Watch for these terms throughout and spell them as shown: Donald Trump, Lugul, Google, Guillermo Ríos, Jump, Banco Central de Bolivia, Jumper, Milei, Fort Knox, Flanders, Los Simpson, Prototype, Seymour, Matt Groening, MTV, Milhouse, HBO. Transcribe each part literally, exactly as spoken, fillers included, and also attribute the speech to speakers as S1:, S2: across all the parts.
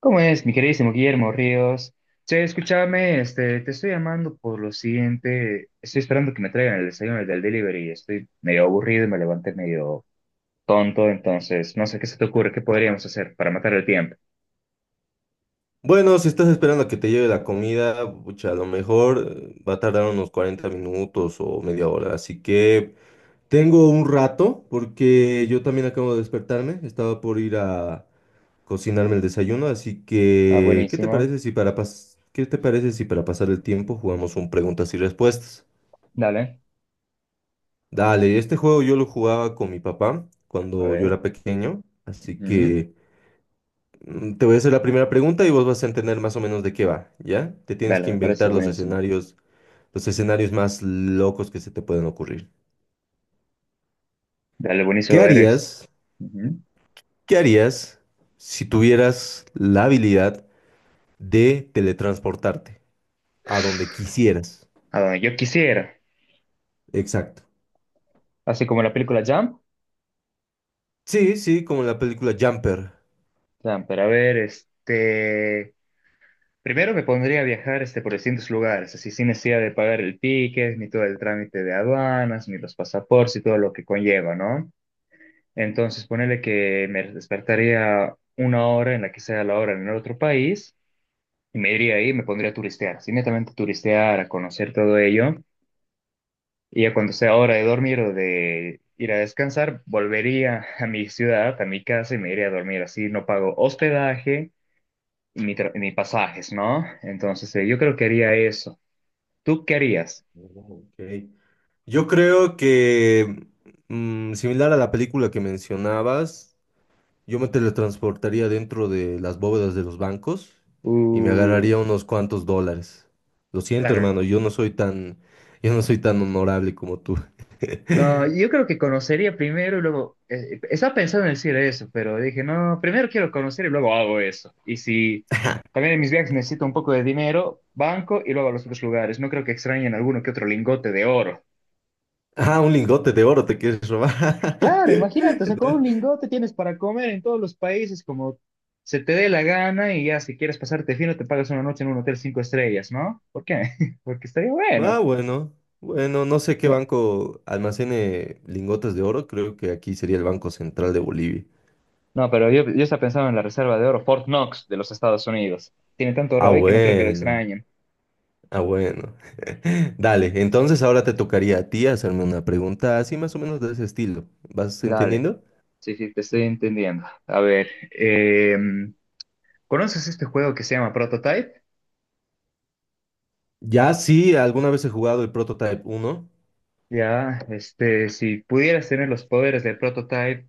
S1: ¿Cómo es, mi queridísimo Guillermo Ríos? Che, escúchame, este, te estoy llamando por lo siguiente. Estoy esperando que me traigan el desayuno del delivery. Estoy medio aburrido y me levanté medio tonto, entonces no sé qué se te ocurre, qué podríamos hacer para matar el tiempo.
S2: Bueno, si estás esperando a que te lleve la comida, pucha, a lo mejor eh, va a tardar unos cuarenta minutos o media hora. Así que tengo un rato porque yo también acabo de despertarme. Estaba por ir a cocinarme el desayuno. Así
S1: Ah,
S2: que, ¿qué te
S1: buenísimo.
S2: parece si para pas- ¿qué te parece si para pasar el tiempo jugamos un preguntas y respuestas?
S1: Dale,
S2: Dale, este juego yo lo jugaba con mi papá
S1: a
S2: cuando yo
S1: ver.
S2: era pequeño. Así
S1: Ujú.
S2: que... Mm, Te voy a hacer la primera pregunta y vos vas a entender más o menos de qué va, ¿ya? Te tienes
S1: Dale,
S2: que
S1: me parece
S2: inventar los
S1: buenísimo.
S2: escenarios, los escenarios más locos que se te pueden ocurrir.
S1: Dale, buenísimo,
S2: ¿Qué
S1: a ver. Es-
S2: harías?
S1: ujú.
S2: ¿Qué harías si tuvieras la habilidad de teletransportarte a donde quisieras?
S1: A donde yo quisiera.
S2: Exacto.
S1: Así como la película Jump.
S2: Sí, sí, como en la película Jumper.
S1: Jump, pero a ver, este. Primero me pondría a viajar este, por distintos lugares, así sin necesidad de pagar el ticket, ni todo el trámite de aduanas, ni los pasaportes y todo lo que conlleva, ¿no? Entonces, ponele que me despertaría una hora en la que sea la hora en el otro país y me iría ahí y me pondría a turistear, así netamente a turistear, a conocer todo ello. Y ya cuando sea hora de dormir o de ir a descansar, volvería a mi ciudad, a mi casa y me iría a dormir. Así no pago hospedaje ni, tra- ni pasajes, ¿no? Entonces, eh, yo creo que haría eso. ¿Tú qué harías?
S2: Oh, ok. Yo creo que mm, similar a la película que mencionabas, yo me teletransportaría dentro de las bóvedas de los bancos y me
S1: Uh,
S2: agarraría unos cuantos dólares. Lo siento,
S1: claro.
S2: hermano, yo no soy tan, yo no soy tan honorable como tú.
S1: No, yo creo que conocería primero y luego. eh, estaba pensando en decir eso, pero dije, no, primero quiero conocer y luego hago eso. Y si también en mis viajes necesito un poco de dinero, banco y luego a los otros lugares. No creo que extrañen alguno que otro lingote de oro.
S2: Ah, un lingote de oro te quieres robar.
S1: Claro, imagínate, o sea, con un lingote tienes para comer en todos los países como se te dé la gana y ya si quieres pasarte fino te pagas una noche en un hotel cinco estrellas, ¿no? ¿Por qué? Porque estaría
S2: Ah,
S1: bueno.
S2: bueno, bueno, no sé qué banco almacene lingotes de oro, creo que aquí sería el Banco Central de Bolivia.
S1: No, pero yo, yo estaba pensando en la reserva de oro, Fort Knox de los Estados Unidos. Tiene tanto
S2: Ah,
S1: oro ahí que no creo que lo
S2: bueno,
S1: extrañen.
S2: ah, bueno. Dale, entonces ahora te tocaría a ti hacerme una pregunta así más o menos de ese estilo. ¿Vas
S1: Dale,
S2: entendiendo?
S1: sí, sí, te estoy entendiendo. A ver, em, ¿conoces este juego que se llama Prototype?
S2: Ya sí, alguna vez he jugado el Prototype uno.
S1: Ya, este, si pudieras tener los poderes de Prototype,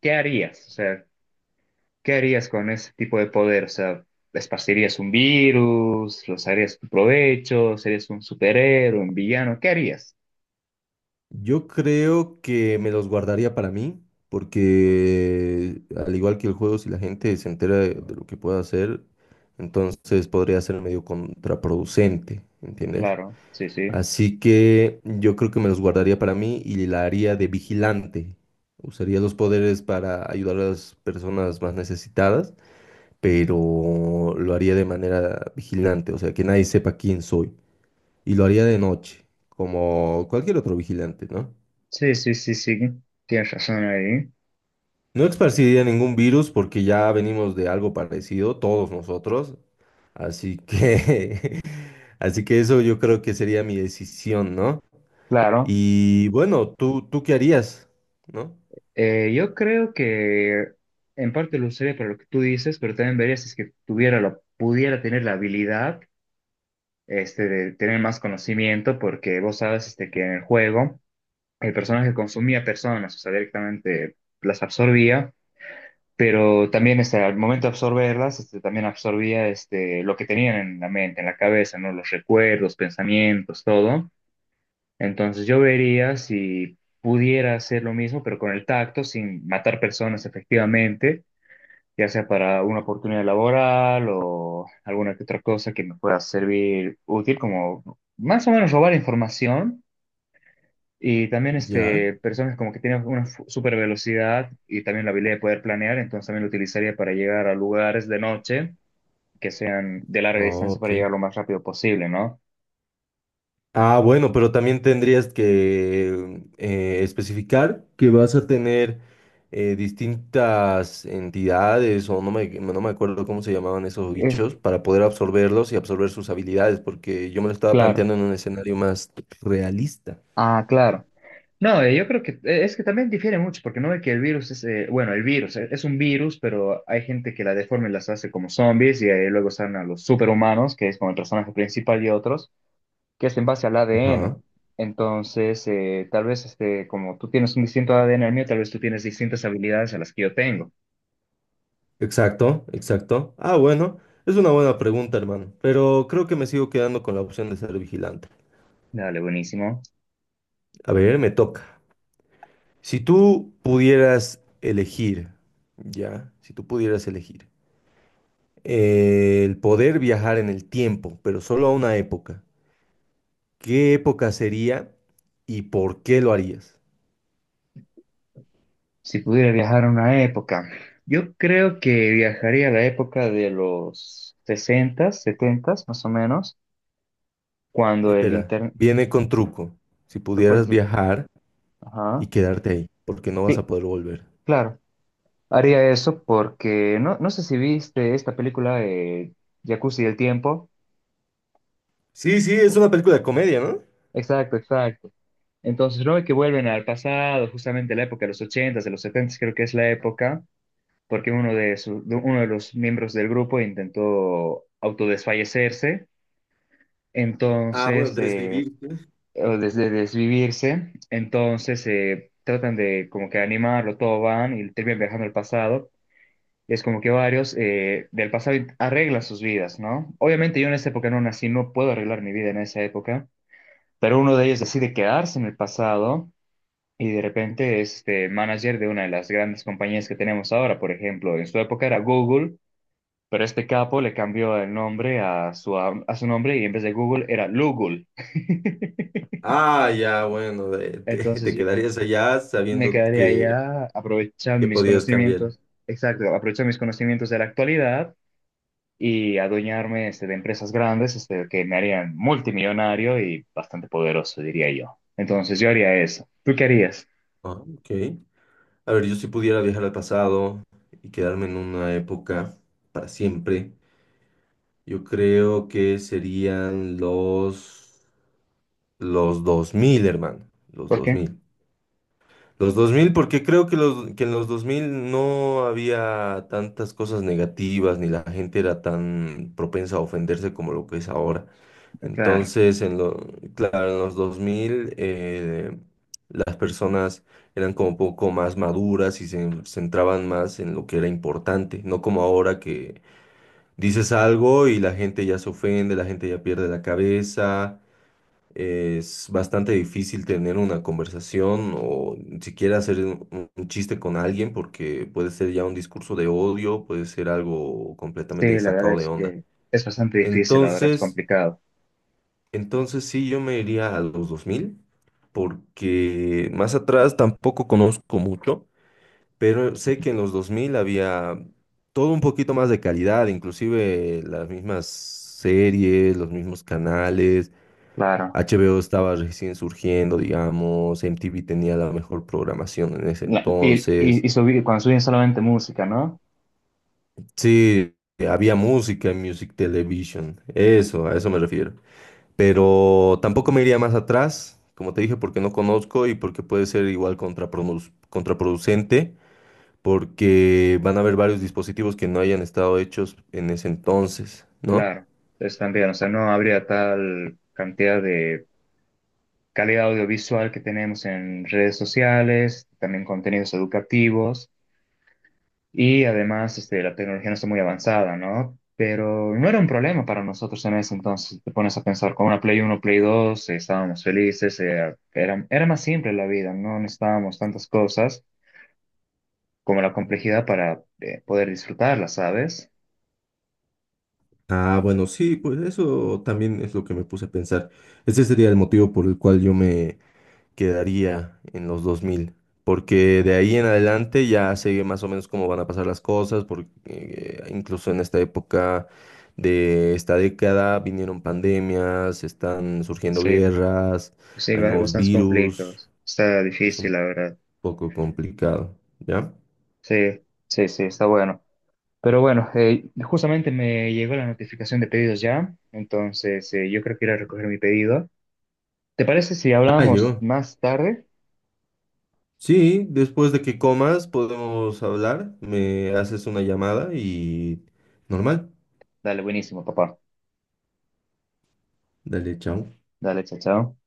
S1: ¿qué harías? O sea, ¿qué harías con ese tipo de poder? O sea, ¿esparcirías un virus? ¿Los harías tu provecho? ¿Serías un superhéroe, un villano? ¿Qué harías?
S2: Yo creo que me los guardaría para mí, porque al igual que el juego, si la gente se entera de, de lo que pueda hacer, entonces podría ser medio contraproducente, ¿entiendes?
S1: Claro, sí, sí.
S2: Así que yo creo que me los guardaría para mí y la haría de vigilante. Usaría los poderes para ayudar a las personas más necesitadas, pero lo haría de manera vigilante, o sea, que nadie sepa quién soy. Y lo haría de noche, como cualquier otro vigilante, ¿no?
S1: Sí, sí, sí, sí, tienes razón ahí.
S2: No esparciría ningún virus porque ya venimos de algo parecido, todos nosotros, así que, así que eso yo creo que sería mi decisión, ¿no?
S1: Claro,
S2: Y bueno, ¿tú, ¿tú qué harías? ¿No?
S1: eh, yo creo que en parte lo usaría para lo que tú dices, pero también vería si es que tuviera la, pudiera tener la habilidad este, de tener más conocimiento, porque vos sabes este, que en el juego el personaje consumía personas, o sea, directamente las absorbía, pero también este, al momento de absorberlas, este, también absorbía este, lo que tenían en la mente, en la cabeza, ¿no? Los recuerdos, pensamientos, todo. Entonces yo vería si pudiera hacer lo mismo, pero con el tacto, sin matar personas efectivamente, ya sea para una oportunidad laboral o alguna que otra cosa que me pueda servir útil, como más o menos robar información. Y también
S2: Ya.
S1: este, personas como que tienen una fu- super velocidad y también la habilidad de poder planear, entonces también lo utilizaría para llegar a lugares de noche que sean de larga
S2: Oh,
S1: distancia para
S2: ok.
S1: llegar lo más rápido posible, ¿no?
S2: Ah, bueno, pero también tendrías que eh, especificar que vas a tener eh, distintas entidades o no me, no me acuerdo cómo se llamaban esos
S1: Es
S2: bichos para poder absorberlos y absorber sus habilidades, porque yo me lo estaba
S1: claro.
S2: planteando en un escenario más realista.
S1: Ah, claro. No, eh, yo creo que eh, es que también difiere mucho, porque no ve que el virus es, eh, bueno, el virus eh, es un virus, pero hay gente que la deforma y las hace como zombies y eh, luego salen a los superhumanos, que es como el personaje principal y otros, que es en base al A D N.
S2: Ajá,
S1: Entonces, eh, tal vez este, como tú tienes un distinto A D N al mío, tal vez tú tienes distintas habilidades a las que yo tengo.
S2: exacto, exacto. Ah, bueno, es una buena pregunta, hermano, pero creo que me sigo quedando con la opción de ser vigilante.
S1: Dale, buenísimo.
S2: A ver, me toca. Si tú pudieras elegir, ya, si tú pudieras elegir eh, el poder viajar en el tiempo, pero solo a una época. ¿Qué época sería y por qué lo harías?
S1: Si pudiera viajar a una época, yo creo que viajaría a la época de los sesenta, setenta, más o menos cuando el
S2: Espera,
S1: internet,
S2: viene con truco. Si
S1: ¿cuál
S2: pudieras
S1: es?
S2: viajar y
S1: Ajá,
S2: quedarte ahí, porque no vas
S1: sí,
S2: a poder volver.
S1: claro, haría eso porque no, no sé si viste esta película de Jacuzzi del tiempo.
S2: Sí, sí, es una película de comedia, ¿no?
S1: Exacto, exacto. Entonces, no ve que vuelven al pasado, justamente la época de los ochentas de los setentas creo que es la época, porque uno de, su- de uno de los miembros del grupo intentó autodesfallecerse,
S2: Ah, bueno,
S1: entonces, eh,
S2: desvivirte.
S1: o desde desvivirse, entonces eh, tratan de como que animarlo, todo van y terminan viajando al pasado es como que varios eh, del pasado arreglan sus vidas, ¿no? Obviamente yo en esa época no nací, no puedo arreglar mi vida en esa época, pero uno de ellos decide quedarse en el pasado y de repente es este, manager de una de las grandes compañías que tenemos ahora, por ejemplo, en su época era Google, pero este capo le cambió el nombre a su, a su nombre y en vez de Google era Lugul.
S2: Ah, ya, bueno, de- te,
S1: Entonces
S2: te
S1: yo
S2: quedarías allá
S1: me
S2: sabiendo
S1: quedaría
S2: que,
S1: allá aprovechando
S2: que
S1: mis
S2: podías cambiar.
S1: conocimientos, exacto, aprovechando mis conocimientos de la actualidad y adueñarme este, de empresas grandes este, que me harían multimillonario y bastante poderoso, diría yo. Entonces yo haría eso. ¿Tú qué harías?
S2: Ah, ok. A ver, yo si pudiera viajar al pasado y quedarme en una época para siempre. Yo creo que serían los, los dos mil, hermano. Los
S1: ¿Por
S2: dos
S1: qué?
S2: mil, los dos mil, porque creo que, los, que en los dos mil no había tantas cosas negativas, ni la gente era tan propensa a ofenderse como lo que es ahora.
S1: Claro,
S2: Entonces, en lo, claro, en los dos mil eh, las personas eran como un poco más maduras y se centraban más en lo que era importante, no como ahora que dices algo y la gente ya se ofende, la gente ya pierde la cabeza, es bastante difícil tener una conversación o ni siquiera hacer un, un chiste con alguien porque puede ser ya un discurso de odio, puede ser algo completamente
S1: sí, la verdad
S2: sacado de
S1: es
S2: onda.
S1: que es bastante difícil, la verdad es
S2: Entonces,
S1: complicado.
S2: entonces sí, yo me iría a los dos mil porque más atrás tampoco conozco mucho, pero sé que en los dos mil había todo un poquito más de calidad, inclusive las mismas series, los mismos canales,
S1: Claro.
S2: H B O estaba recién surgiendo, digamos, M T V tenía la mejor programación en ese
S1: La- y y,
S2: entonces.
S1: y subir, cuando suben solamente música, ¿no?
S2: Sí, había música en Music Television, eso, a eso me refiero. Pero tampoco me iría más atrás, como te dije, porque no conozco y porque puede ser igual contraprodu- contraproducente porque van a haber varios dispositivos que no hayan estado hechos en ese entonces, ¿no?
S1: Claro, entonces también, o sea, no habría tal cantidad de calidad audiovisual que tenemos en redes sociales, también contenidos educativos. Y además, este, la tecnología no está muy avanzada, ¿no? Pero no era un problema para nosotros en ese entonces. Te pones a pensar, con una Play uno Play dos eh, estábamos felices, eh, era, era más simple la vida, no necesitábamos tantas cosas como la complejidad para eh, poder disfrutarla, ¿sabes?
S2: Ah, bueno, sí, pues eso también es lo que me puse a pensar. Ese sería el motivo por el cual yo me quedaría en los dos mil, porque de ahí en adelante ya sé más o menos cómo van a pasar las cosas, porque eh, incluso en esta época de esta década vinieron pandemias, están surgiendo
S1: Sí,
S2: guerras,
S1: sí,
S2: hay
S1: ba-
S2: nuevos
S1: bastantes
S2: virus,
S1: conflictos. Está
S2: es
S1: difícil,
S2: un
S1: la verdad.
S2: poco complicado, ¿ya?
S1: Sí, sí, sí, está bueno. Pero bueno, eh, justamente me llegó la notificación de pedidos ya, entonces eh, yo creo que iré a recoger mi pedido. ¿Te parece si
S2: Ah,
S1: hablamos
S2: yo.
S1: más tarde?
S2: Sí, después de que comas podemos hablar, me haces una llamada y normal.
S1: Dale, buenísimo, papá.
S2: Dale, chao.
S1: Dale, chao, chao.